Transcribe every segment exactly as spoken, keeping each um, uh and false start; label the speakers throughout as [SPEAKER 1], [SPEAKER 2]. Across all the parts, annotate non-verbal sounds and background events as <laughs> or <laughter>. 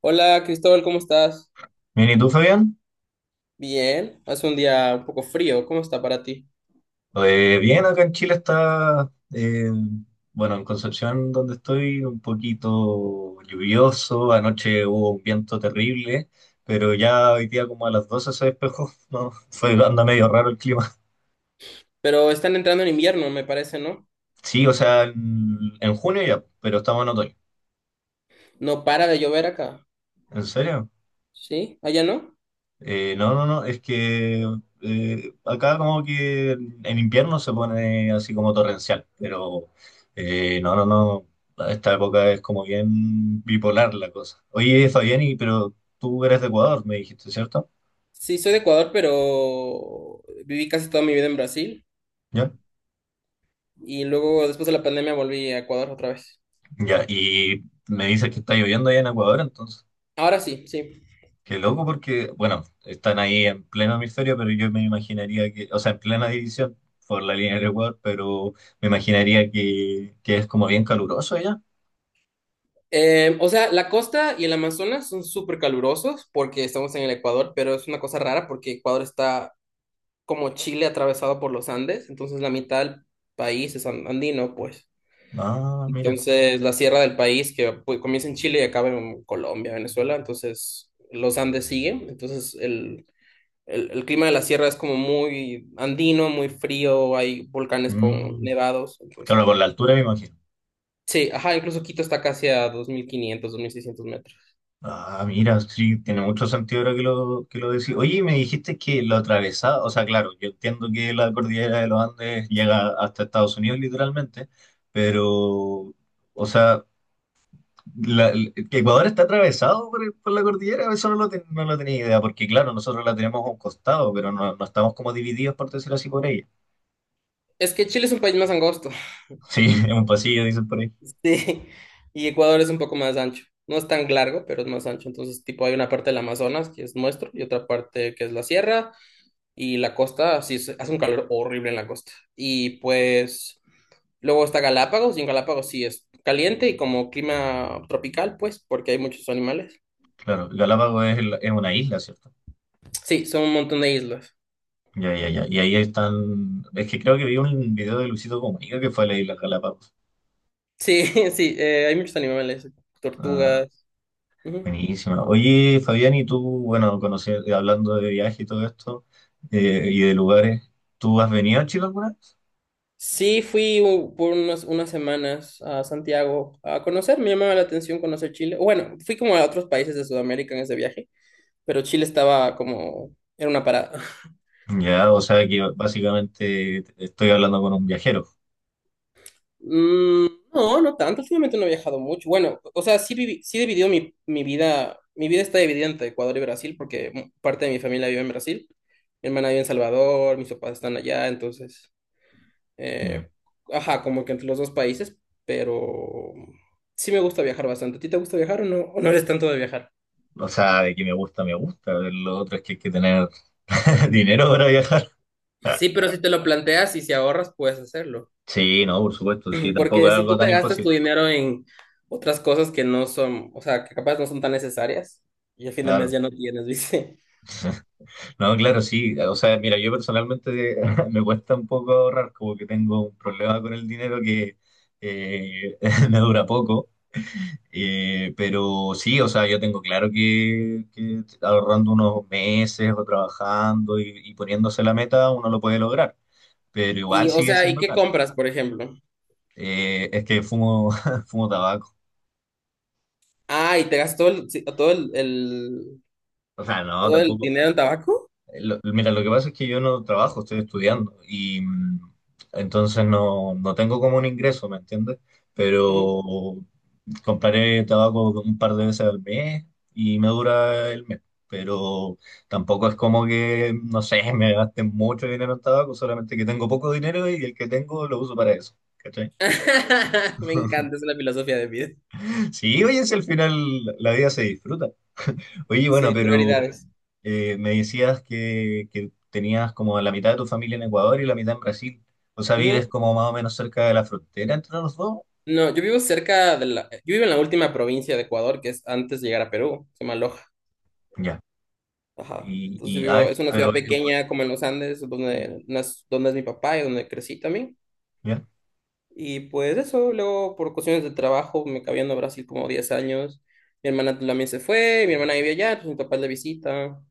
[SPEAKER 1] Hola Cristóbal, ¿cómo estás?
[SPEAKER 2] Bien, ¿y tú, Fabián?
[SPEAKER 1] Bien, hace un día un poco frío, ¿cómo está para ti?
[SPEAKER 2] Eh, bien, acá en Chile está, eh, bueno, en Concepción, donde estoy, un poquito lluvioso. Anoche hubo un viento terrible, pero ya hoy día como a las doce se despejó, <laughs> ¿no? Fue, anda medio raro el clima.
[SPEAKER 1] Pero están entrando en invierno, me parece, ¿no?
[SPEAKER 2] Sí, o sea, en, en junio ya, pero estamos en otoño.
[SPEAKER 1] No para de llover acá,
[SPEAKER 2] ¿En serio?
[SPEAKER 1] ¿sí? ¿Allá no?
[SPEAKER 2] Eh, no, no, no, es que eh, acá como que en invierno se pone así como torrencial, pero eh, no, no, no, a esta época es como bien bipolar la cosa. Oye, Fabián, y- pero tú eres de Ecuador, me dijiste, ¿cierto?
[SPEAKER 1] Sí, soy de Ecuador, pero viví casi toda mi vida en Brasil
[SPEAKER 2] ¿Ya?
[SPEAKER 1] y luego después de la pandemia volví a Ecuador otra vez.
[SPEAKER 2] Ya, y me dices que está lloviendo allá en Ecuador, entonces,
[SPEAKER 1] Ahora sí, sí.
[SPEAKER 2] qué loco porque, bueno, están ahí en pleno hemisferio, pero yo me imaginaría que, o sea, en plena división por la línea del Ecuador, pero me imaginaría que, que es como bien caluroso allá.
[SPEAKER 1] Eh, o sea, la costa y el Amazonas son súper calurosos porque estamos en el Ecuador, pero es una cosa rara porque Ecuador está como Chile atravesado por los Andes, entonces la mitad del país es an- andino, pues.
[SPEAKER 2] Ah, mira.
[SPEAKER 1] Entonces, la sierra del país que pues, comienza en Chile y acaba en Colombia, Venezuela, entonces los Andes siguen, entonces el, el, el clima de la sierra es como muy andino, muy frío, hay volcanes con
[SPEAKER 2] Mm.
[SPEAKER 1] nevados. Entonces...
[SPEAKER 2] Claro, por la altura me imagino.
[SPEAKER 1] Sí, ajá, incluso Quito está casi a dos dos mil quinientos, dos mil seiscientos metros.
[SPEAKER 2] Ah, mira, sí, tiene mucho sentido ahora que lo, que lo decís. Oye, y me dijiste que lo atravesaba, o sea, claro, yo entiendo que la cordillera de los Andes llega hasta Estados Unidos literalmente, pero, o sea, la- el- Ecuador está atravesado por, el- por la cordillera, eso no lo, ten- no lo tenía idea, porque claro, nosotros la tenemos a un costado, pero no, no estamos como divididos, por decirlo así, por ella.
[SPEAKER 1] Es que Chile es un país más angosto,
[SPEAKER 2] Sí, <laughs> es un pasillo, dicen por ahí.
[SPEAKER 1] <laughs> sí, y Ecuador es un poco más ancho. No es tan largo, pero es más ancho. Entonces, tipo, hay una parte del Amazonas que es nuestro y otra parte que es la sierra y la costa, sí, se- hace un calor horrible en la costa. Y pues, luego está Galápagos y en Galápagos sí es caliente y como clima tropical, pues, porque hay muchos animales.
[SPEAKER 2] Claro, Galápagos es, el- es una isla, ¿cierto?
[SPEAKER 1] Sí, son un montón de islas.
[SPEAKER 2] Ya, ya, ya. Y ahí están. Es que creo que vi un video de Luisito Comunica que fue a la isla Galápagos.
[SPEAKER 1] Sí, <laughs> sí, eh, hay muchos animales,
[SPEAKER 2] Ah,
[SPEAKER 1] tortugas. Ujú.
[SPEAKER 2] buenísima. Oye, Fabián, y tú, bueno, conocer, hablando de viaje y todo esto, eh, y de lugares, ¿tú has venido a Chile alguna vez?
[SPEAKER 1] Sí, fui u- por unas unas semanas a Santiago a conocer, me llamaba la atención conocer Chile. Bueno, fui como a otros países de Sudamérica en ese viaje, pero Chile estaba como, era una parada. <laughs>
[SPEAKER 2] Ya, o sea que básicamente estoy hablando con un viajero.
[SPEAKER 1] Mm, no, no tanto, últimamente no he viajado mucho. Bueno, o sea, sí, viví, sí he dividido mi, mi, vida, mi vida está dividida entre Ecuador y Brasil, porque mm, parte de mi familia vive en Brasil, mi hermana vive en Salvador, mis papás están allá. Entonces...
[SPEAKER 2] Ya.
[SPEAKER 1] eh, ajá, como que entre los dos países, pero sí me gusta viajar bastante. ¿A ti te gusta viajar o no, o no eres tanto de viajar?
[SPEAKER 2] O sea, de que me gusta, me gusta. Lo otro es que hay que tener <laughs> dinero para viajar.
[SPEAKER 1] Sí, pero si te lo planteas y si ahorras, puedes hacerlo.
[SPEAKER 2] Sí, no, por supuesto, sí, tampoco
[SPEAKER 1] Porque
[SPEAKER 2] es
[SPEAKER 1] si
[SPEAKER 2] algo
[SPEAKER 1] tú
[SPEAKER 2] tan
[SPEAKER 1] te gastas tu
[SPEAKER 2] imposible.
[SPEAKER 1] dinero en otras cosas que no son, o sea, que capaz no son tan necesarias, y a fin de mes
[SPEAKER 2] Claro.
[SPEAKER 1] ya no tienes, <laughs> ¿viste?
[SPEAKER 2] No, claro, sí. O sea, mira, yo personalmente <laughs> me cuesta un poco ahorrar, como que tengo un problema con el dinero que eh, <laughs> me dura poco. Eh, pero sí, o sea, yo tengo claro que, que, ahorrando unos meses o trabajando y, y poniéndose la meta, uno lo puede lograr. Pero
[SPEAKER 1] Y,
[SPEAKER 2] igual
[SPEAKER 1] o
[SPEAKER 2] sigue
[SPEAKER 1] sea, ¿y
[SPEAKER 2] siendo
[SPEAKER 1] qué
[SPEAKER 2] caro.
[SPEAKER 1] compras, por ejemplo?
[SPEAKER 2] Eh, es que fumo, <laughs> fumo tabaco.
[SPEAKER 1] Ah, ¿y te gastas todo el, sí, todo el, el-
[SPEAKER 2] O sea, no,
[SPEAKER 1] todo el
[SPEAKER 2] tampoco.
[SPEAKER 1] dinero en tabaco?
[SPEAKER 2] Lo- mira, lo que pasa es que yo no trabajo, estoy estudiando y mm, entonces no, no tengo como un ingreso, ¿me entiendes?
[SPEAKER 1] Ujú.
[SPEAKER 2] Pero compraré tabaco un par de veces al mes y me dura el mes. Pero tampoco es como que, no sé, <laughs> me gaste mucho dinero en tabaco, solamente que tengo poco dinero y el que tengo lo uso para eso. ¿Cachai?
[SPEAKER 1] <laughs> Me
[SPEAKER 2] <laughs>
[SPEAKER 1] encanta, es la filosofía de vida.
[SPEAKER 2] Sí, oye, si al final la vida se disfruta. Oye, bueno,
[SPEAKER 1] Sí,
[SPEAKER 2] pero
[SPEAKER 1] prioridades.
[SPEAKER 2] Eh, me decías que, que tenías como la mitad de tu familia en Ecuador y la mitad en Brasil. O sea, vives
[SPEAKER 1] Ujú.
[SPEAKER 2] como más o menos cerca de la frontera entre los dos.
[SPEAKER 1] No, yo vivo cerca de la... Yo vivo en la última provincia de Ecuador, que es antes de llegar a Perú, se llama Loja.
[SPEAKER 2] Ya.
[SPEAKER 1] Ajá.
[SPEAKER 2] Y,
[SPEAKER 1] Entonces yo
[SPEAKER 2] y ah,
[SPEAKER 1] vivo,
[SPEAKER 2] es-
[SPEAKER 1] es una
[SPEAKER 2] pero,
[SPEAKER 1] ciudad pequeña como en los Andes, donde, nas- donde es mi papá y donde crecí también.
[SPEAKER 2] ya.
[SPEAKER 1] Y pues eso, luego por cuestiones de trabajo me acabé yendo a Brasil como diez años. Mi hermana también se fue, mi hermana vivía allá, pues mi papá es de visita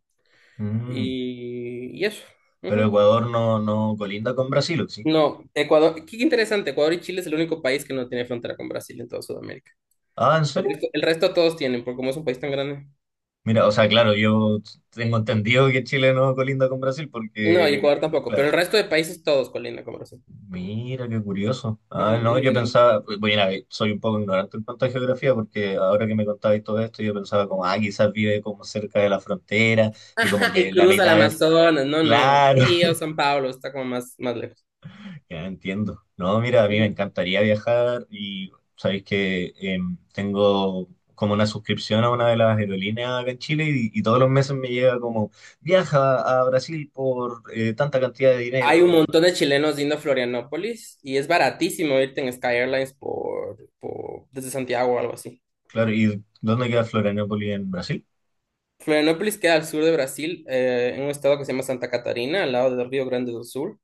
[SPEAKER 2] Mm.
[SPEAKER 1] y, y eso.
[SPEAKER 2] Pero
[SPEAKER 1] Ujú.
[SPEAKER 2] Ecuador no, no colinda con Brasil, ¿o sí?
[SPEAKER 1] No, Ecuador, qué interesante, Ecuador y Chile es el único país que no tiene frontera con Brasil en toda Sudamérica.
[SPEAKER 2] Ah, ¿en
[SPEAKER 1] El
[SPEAKER 2] serio?
[SPEAKER 1] resto, el resto todos tienen, porque como es un país tan grande.
[SPEAKER 2] Mira, o sea, claro, yo tengo entendido que Chile no colinda con Brasil
[SPEAKER 1] No, y
[SPEAKER 2] porque.
[SPEAKER 1] Ecuador tampoco, pero el resto de países todos colindan con Brasil.
[SPEAKER 2] Mira, qué curioso.
[SPEAKER 1] Ujú,
[SPEAKER 2] Ah,
[SPEAKER 1] es
[SPEAKER 2] no,
[SPEAKER 1] muy
[SPEAKER 2] yo
[SPEAKER 1] grande.
[SPEAKER 2] pensaba, bueno, a ver, soy un poco ignorante en cuanto a geografía, porque ahora que me contabais todo esto, yo pensaba como, ah, quizás vive como cerca de la frontera y como
[SPEAKER 1] <laughs> Y
[SPEAKER 2] que la
[SPEAKER 1] cruza el
[SPEAKER 2] mitad es,
[SPEAKER 1] Amazonas, no, no.
[SPEAKER 2] claro,
[SPEAKER 1] Río,
[SPEAKER 2] <laughs>
[SPEAKER 1] San Pablo, está como más, más lejos.
[SPEAKER 2] ya entiendo. No, mira, a mí me
[SPEAKER 1] Ujú.
[SPEAKER 2] encantaría viajar y sabéis que em, tengo como una suscripción a una de las aerolíneas acá en Chile y, y todos los meses me llega como, viaja a Brasil por eh, tanta cantidad de
[SPEAKER 1] Hay un
[SPEAKER 2] dinero.
[SPEAKER 1] montón de chilenos yendo a Florianópolis y es baratísimo irte en Sky Airlines por, por- desde Santiago o algo así.
[SPEAKER 2] Claro, ¿y dónde queda Florianópolis en Brasil?
[SPEAKER 1] Florianópolis queda al sur de Brasil, eh, en un estado que se llama Santa Catarina, al lado del Río Grande do Sul,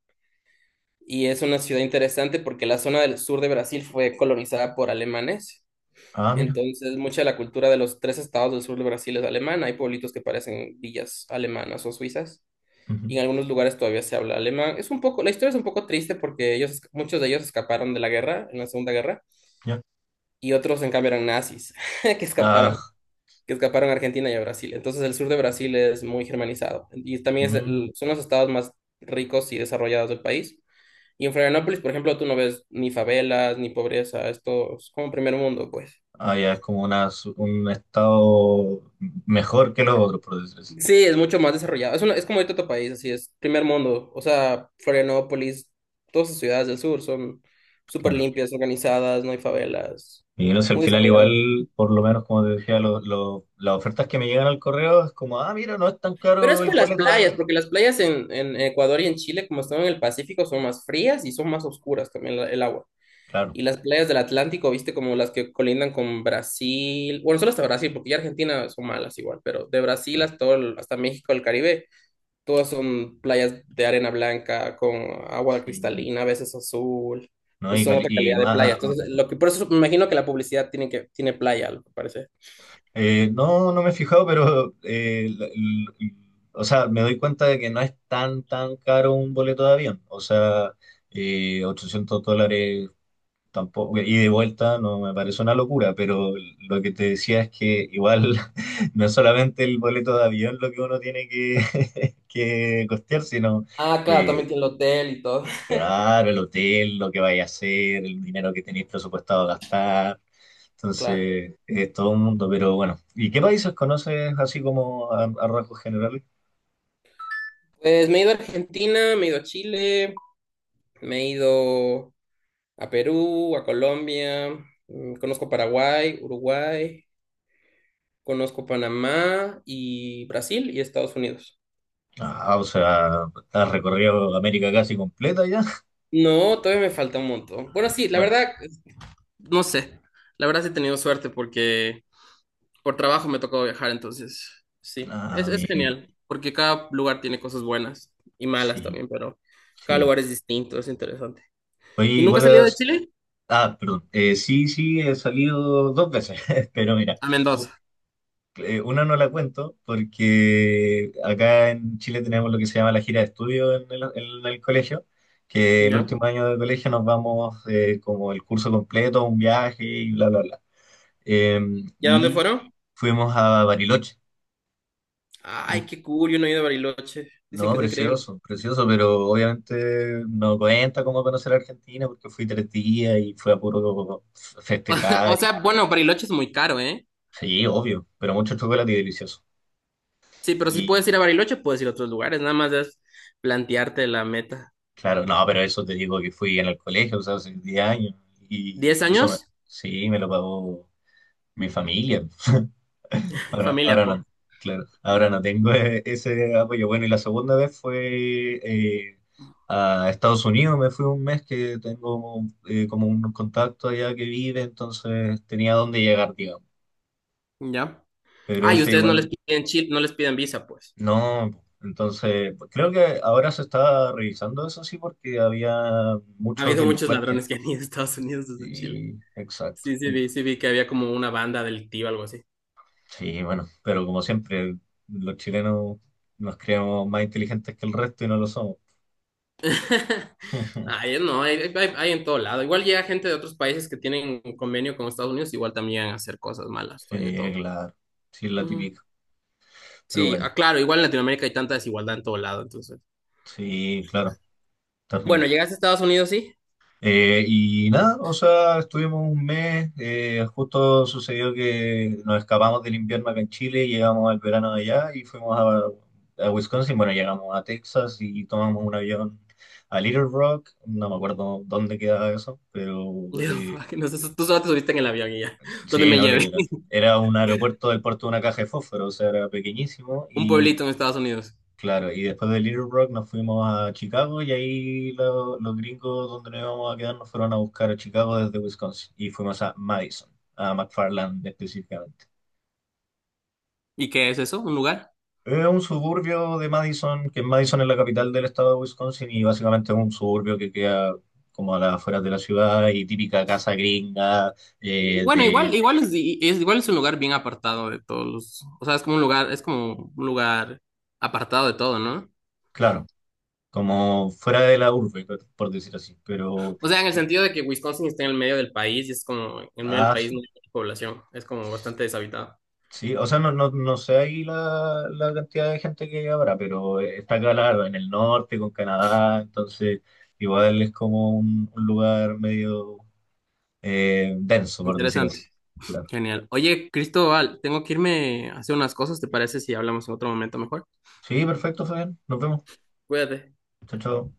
[SPEAKER 1] y es una ciudad interesante porque la zona del sur de Brasil fue colonizada por alemanes.
[SPEAKER 2] Ah, mira.
[SPEAKER 1] Entonces, mucha de la cultura de los tres estados del sur de Brasil es alemana. Hay pueblitos que parecen villas alemanas o suizas.
[SPEAKER 2] Ujú.
[SPEAKER 1] Y en algunos lugares todavía se habla alemán. Es un poco, la historia es un poco triste porque ellos, esca- muchos de ellos escaparon de la guerra, en la Segunda Guerra,
[SPEAKER 2] Ya.
[SPEAKER 1] y otros en cambio eran nazis <laughs> que escaparon,
[SPEAKER 2] Ah,
[SPEAKER 1] que escaparon a Argentina y a Brasil. Entonces el sur de Brasil es muy germanizado y también es el-
[SPEAKER 2] mm,
[SPEAKER 1] son los estados más ricos y desarrollados del país. Y en Florianópolis, por ejemplo, tú no ves ni favelas, ni pobreza, esto es como primer mundo, pues.
[SPEAKER 2] ah, ya es como una, su- un estado mejor que los otros, por decir así.
[SPEAKER 1] Sí, es mucho más desarrollado. Es, una- es como de otro país, así es, primer mundo. O sea, Florianópolis, todas las ciudades del sur son súper
[SPEAKER 2] Claro.
[SPEAKER 1] limpias, organizadas, no hay favelas,
[SPEAKER 2] Y no sé, al
[SPEAKER 1] muy
[SPEAKER 2] final
[SPEAKER 1] desarrollado.
[SPEAKER 2] igual, por lo menos como te decía, lo- lo- las ofertas que me llegan al correo es como, ah, mira, no es tan
[SPEAKER 1] Pero es
[SPEAKER 2] caro el
[SPEAKER 1] por las
[SPEAKER 2] boleto de
[SPEAKER 1] playas,
[SPEAKER 2] avión.
[SPEAKER 1] porque las playas en, en Ecuador y en Chile, como están en el Pacífico, son más frías y son más oscuras también la- el agua.
[SPEAKER 2] Claro,
[SPEAKER 1] Y las playas del Atlántico, viste, como las que colindan con Brasil, bueno, solo hasta Brasil, porque ya Argentina son malas igual, pero de Brasil
[SPEAKER 2] claro.
[SPEAKER 1] hasta, todo el- hasta México, el Caribe, todas son playas de arena blanca, con agua
[SPEAKER 2] Sí,
[SPEAKER 1] cristalina, a veces azul.
[SPEAKER 2] no,
[SPEAKER 1] Entonces
[SPEAKER 2] y,
[SPEAKER 1] son
[SPEAKER 2] cali-
[SPEAKER 1] otra
[SPEAKER 2] y
[SPEAKER 1] calidad de playa.
[SPEAKER 2] más,
[SPEAKER 1] Entonces, lo que, por eso me imagino que la publicidad tiene, que, tiene playa, lo que parece.
[SPEAKER 2] eh, no, no me he fijado, pero, eh, la- l- o sea, me doy cuenta de que no es tan, tan caro un boleto de avión. O sea, eh, ochocientos dólares tampoco, y de vuelta no me parece una locura, pero lo que te decía es que igual <laughs> no es solamente el boleto de avión lo que uno tiene que, <laughs> que costear, sino,
[SPEAKER 1] Ah, claro,
[SPEAKER 2] eh,
[SPEAKER 1] también tiene el hotel y todo. <laughs>
[SPEAKER 2] claro, el hotel, lo que vaya a hacer, el dinero que tenéis presupuestado gastar.
[SPEAKER 1] Claro.
[SPEAKER 2] Entonces, es todo un mundo, pero bueno. ¿Y qué países conoces así como a, a rasgos generales?
[SPEAKER 1] Pues me he ido a Argentina, me he ido a Chile, me he ido a Perú, a Colombia, mm, conozco Paraguay, Uruguay, conozco Panamá y Brasil y Estados Unidos.
[SPEAKER 2] Ah, o sea, has recorrido América casi completa ya. <laughs>
[SPEAKER 1] No, todavía me falta un montón. Bueno, sí, la
[SPEAKER 2] Bueno,
[SPEAKER 1] verdad, no sé. La verdad sí he tenido suerte porque por trabajo me tocó viajar, entonces sí, es,
[SPEAKER 2] ah,
[SPEAKER 1] es
[SPEAKER 2] bien,
[SPEAKER 1] genial, porque cada lugar tiene cosas buenas y malas
[SPEAKER 2] sí,
[SPEAKER 1] también, pero cada
[SPEAKER 2] sí.
[SPEAKER 1] lugar es distinto, es interesante.
[SPEAKER 2] Oye,
[SPEAKER 1] ¿Y nunca has salido
[SPEAKER 2] igual.
[SPEAKER 1] de Chile?
[SPEAKER 2] Ah, perdón. Eh, sí, sí, he salido dos veces, <laughs> pero mira,
[SPEAKER 1] A
[SPEAKER 2] u-
[SPEAKER 1] Mendoza,
[SPEAKER 2] eh, una no la cuento porque acá en Chile tenemos lo que se llama la gira de estudio en el, en el, colegio, que el
[SPEAKER 1] ¿ya?
[SPEAKER 2] último año de colegio nos vamos eh, como el curso completo, un viaje y bla, bla, bla. Eh,
[SPEAKER 1] ¿Y a dónde
[SPEAKER 2] y
[SPEAKER 1] fueron?
[SPEAKER 2] fuimos a Bariloche.
[SPEAKER 1] Ay,
[SPEAKER 2] En-
[SPEAKER 1] qué cool, yo no he ido a Bariloche. Dicen
[SPEAKER 2] No,
[SPEAKER 1] que es increíble.
[SPEAKER 2] precioso, precioso, pero obviamente no cuenta cómo conocer a Argentina porque fui tres días y fue a puro
[SPEAKER 1] <laughs> O
[SPEAKER 2] festejar.
[SPEAKER 1] sea, bueno, Bariloche es muy caro, ¿eh?
[SPEAKER 2] Sí, obvio, pero mucho chocolate y delicioso.
[SPEAKER 1] Sí, pero si puedes
[SPEAKER 2] Y
[SPEAKER 1] ir a Bariloche, puedes ir a otros lugares. Nada más es plantearte la meta.
[SPEAKER 2] claro, no, pero eso te digo que fui en el colegio, o sea, hace diez años. Y
[SPEAKER 1] ¿Diez
[SPEAKER 2] eso me-
[SPEAKER 1] años?
[SPEAKER 2] sí, me lo pagó mi familia. <laughs>
[SPEAKER 1] <laughs>
[SPEAKER 2] Ahora,
[SPEAKER 1] Familia,
[SPEAKER 2] ahora no,
[SPEAKER 1] po.
[SPEAKER 2] claro, ahora no tengo <laughs> e- ese apoyo. Bueno, y la segunda vez fue eh, a Estados Unidos, me fui un mes que tengo eh, como un contacto allá que vive, entonces tenía dónde llegar, digamos.
[SPEAKER 1] Ya.
[SPEAKER 2] Pero
[SPEAKER 1] Ah, y
[SPEAKER 2] eso
[SPEAKER 1] ustedes no les
[SPEAKER 2] igual.
[SPEAKER 1] piden chil- no les piden visa, pues.
[SPEAKER 2] No, entonces pues, creo que ahora se está revisando eso sí porque había
[SPEAKER 1] Ha
[SPEAKER 2] muchos
[SPEAKER 1] habido muchos
[SPEAKER 2] delincuentes.
[SPEAKER 1] ladrones que han ido a Estados Unidos desde Chile.
[SPEAKER 2] Y exacto.
[SPEAKER 1] Sí, sí, vi, sí, vi que había como una banda delictiva, algo así.
[SPEAKER 2] Sí, bueno, pero como siempre, los chilenos nos creemos más inteligentes que el resto y no lo somos.
[SPEAKER 1] <laughs>
[SPEAKER 2] <laughs>
[SPEAKER 1] Ay, no, hay, hay- hay en todo lado. Igual llega gente de otros países que tienen un convenio con Estados Unidos, igual también a hacer cosas malas,
[SPEAKER 2] Sí,
[SPEAKER 1] hay de todo.
[SPEAKER 2] claro, sí es la
[SPEAKER 1] Ujú.
[SPEAKER 2] típica. Pero
[SPEAKER 1] Sí,
[SPEAKER 2] bueno,
[SPEAKER 1] ah, claro, igual en Latinoamérica hay tanta desigualdad en todo lado. Entonces.
[SPEAKER 2] sí, claro,
[SPEAKER 1] Bueno,
[SPEAKER 2] terrible.
[SPEAKER 1] llegaste a Estados Unidos, sí.
[SPEAKER 2] Eh, y nada, o sea, estuvimos un mes, eh, justo sucedió que nos escapamos del invierno acá en Chile, llegamos al verano de allá y fuimos a, a Wisconsin, bueno, llegamos a Texas y tomamos un avión a Little Rock, no me acuerdo dónde quedaba eso, pero
[SPEAKER 1] Digo,
[SPEAKER 2] eh,
[SPEAKER 1] <laughs> que no sé, tú solo te subiste en el avión y ya. <laughs> ¿Dónde
[SPEAKER 2] sí,
[SPEAKER 1] me
[SPEAKER 2] no,
[SPEAKER 1] lleve?
[SPEAKER 2] literal.
[SPEAKER 1] <laughs>
[SPEAKER 2] Era un aeropuerto del puerto de una caja de fósforo, o sea, era pequeñísimo.
[SPEAKER 1] Un pueblito en Estados Unidos.
[SPEAKER 2] Claro, y después de Little Rock nos fuimos a Chicago y ahí lo- los gringos donde nos íbamos a quedar nos fueron a buscar a Chicago desde Wisconsin y fuimos a Madison, a McFarland específicamente.
[SPEAKER 1] ¿Y qué es eso? ¿Un lugar?
[SPEAKER 2] Es un suburbio de Madison, que Madison es la capital del estado de Wisconsin y básicamente es un suburbio que queda como a las afueras de la ciudad y típica casa gringa eh,
[SPEAKER 1] Bueno, igual,
[SPEAKER 2] de,
[SPEAKER 1] igual es, i- es- igual es un lugar bien apartado de todos los, o sea, es como un lugar, es como un lugar apartado de todo, ¿no?
[SPEAKER 2] claro, como fuera de la urbe, por decir así, pero...
[SPEAKER 1] O sea, en el sentido de que Wisconsin está en el medio del país y es como, en el medio del
[SPEAKER 2] Ah,
[SPEAKER 1] país
[SPEAKER 2] sí.
[SPEAKER 1] no hay mucha población, es como bastante deshabitado.
[SPEAKER 2] Sí, o sea, no, no, no sé ahí la, la cantidad de gente que habrá, pero eh, está acá, claro, en el norte, con Canadá, entonces igual es como un, un lugar medio eh, denso, por decir así.
[SPEAKER 1] Interesante.
[SPEAKER 2] Claro.
[SPEAKER 1] Genial. Oye, Cristóbal, tengo que irme a hacer unas cosas, ¿te parece si hablamos en otro momento mejor?
[SPEAKER 2] Sí, perfecto, Fabián. Nos vemos.
[SPEAKER 1] Cuídate.
[SPEAKER 2] Chao, chao.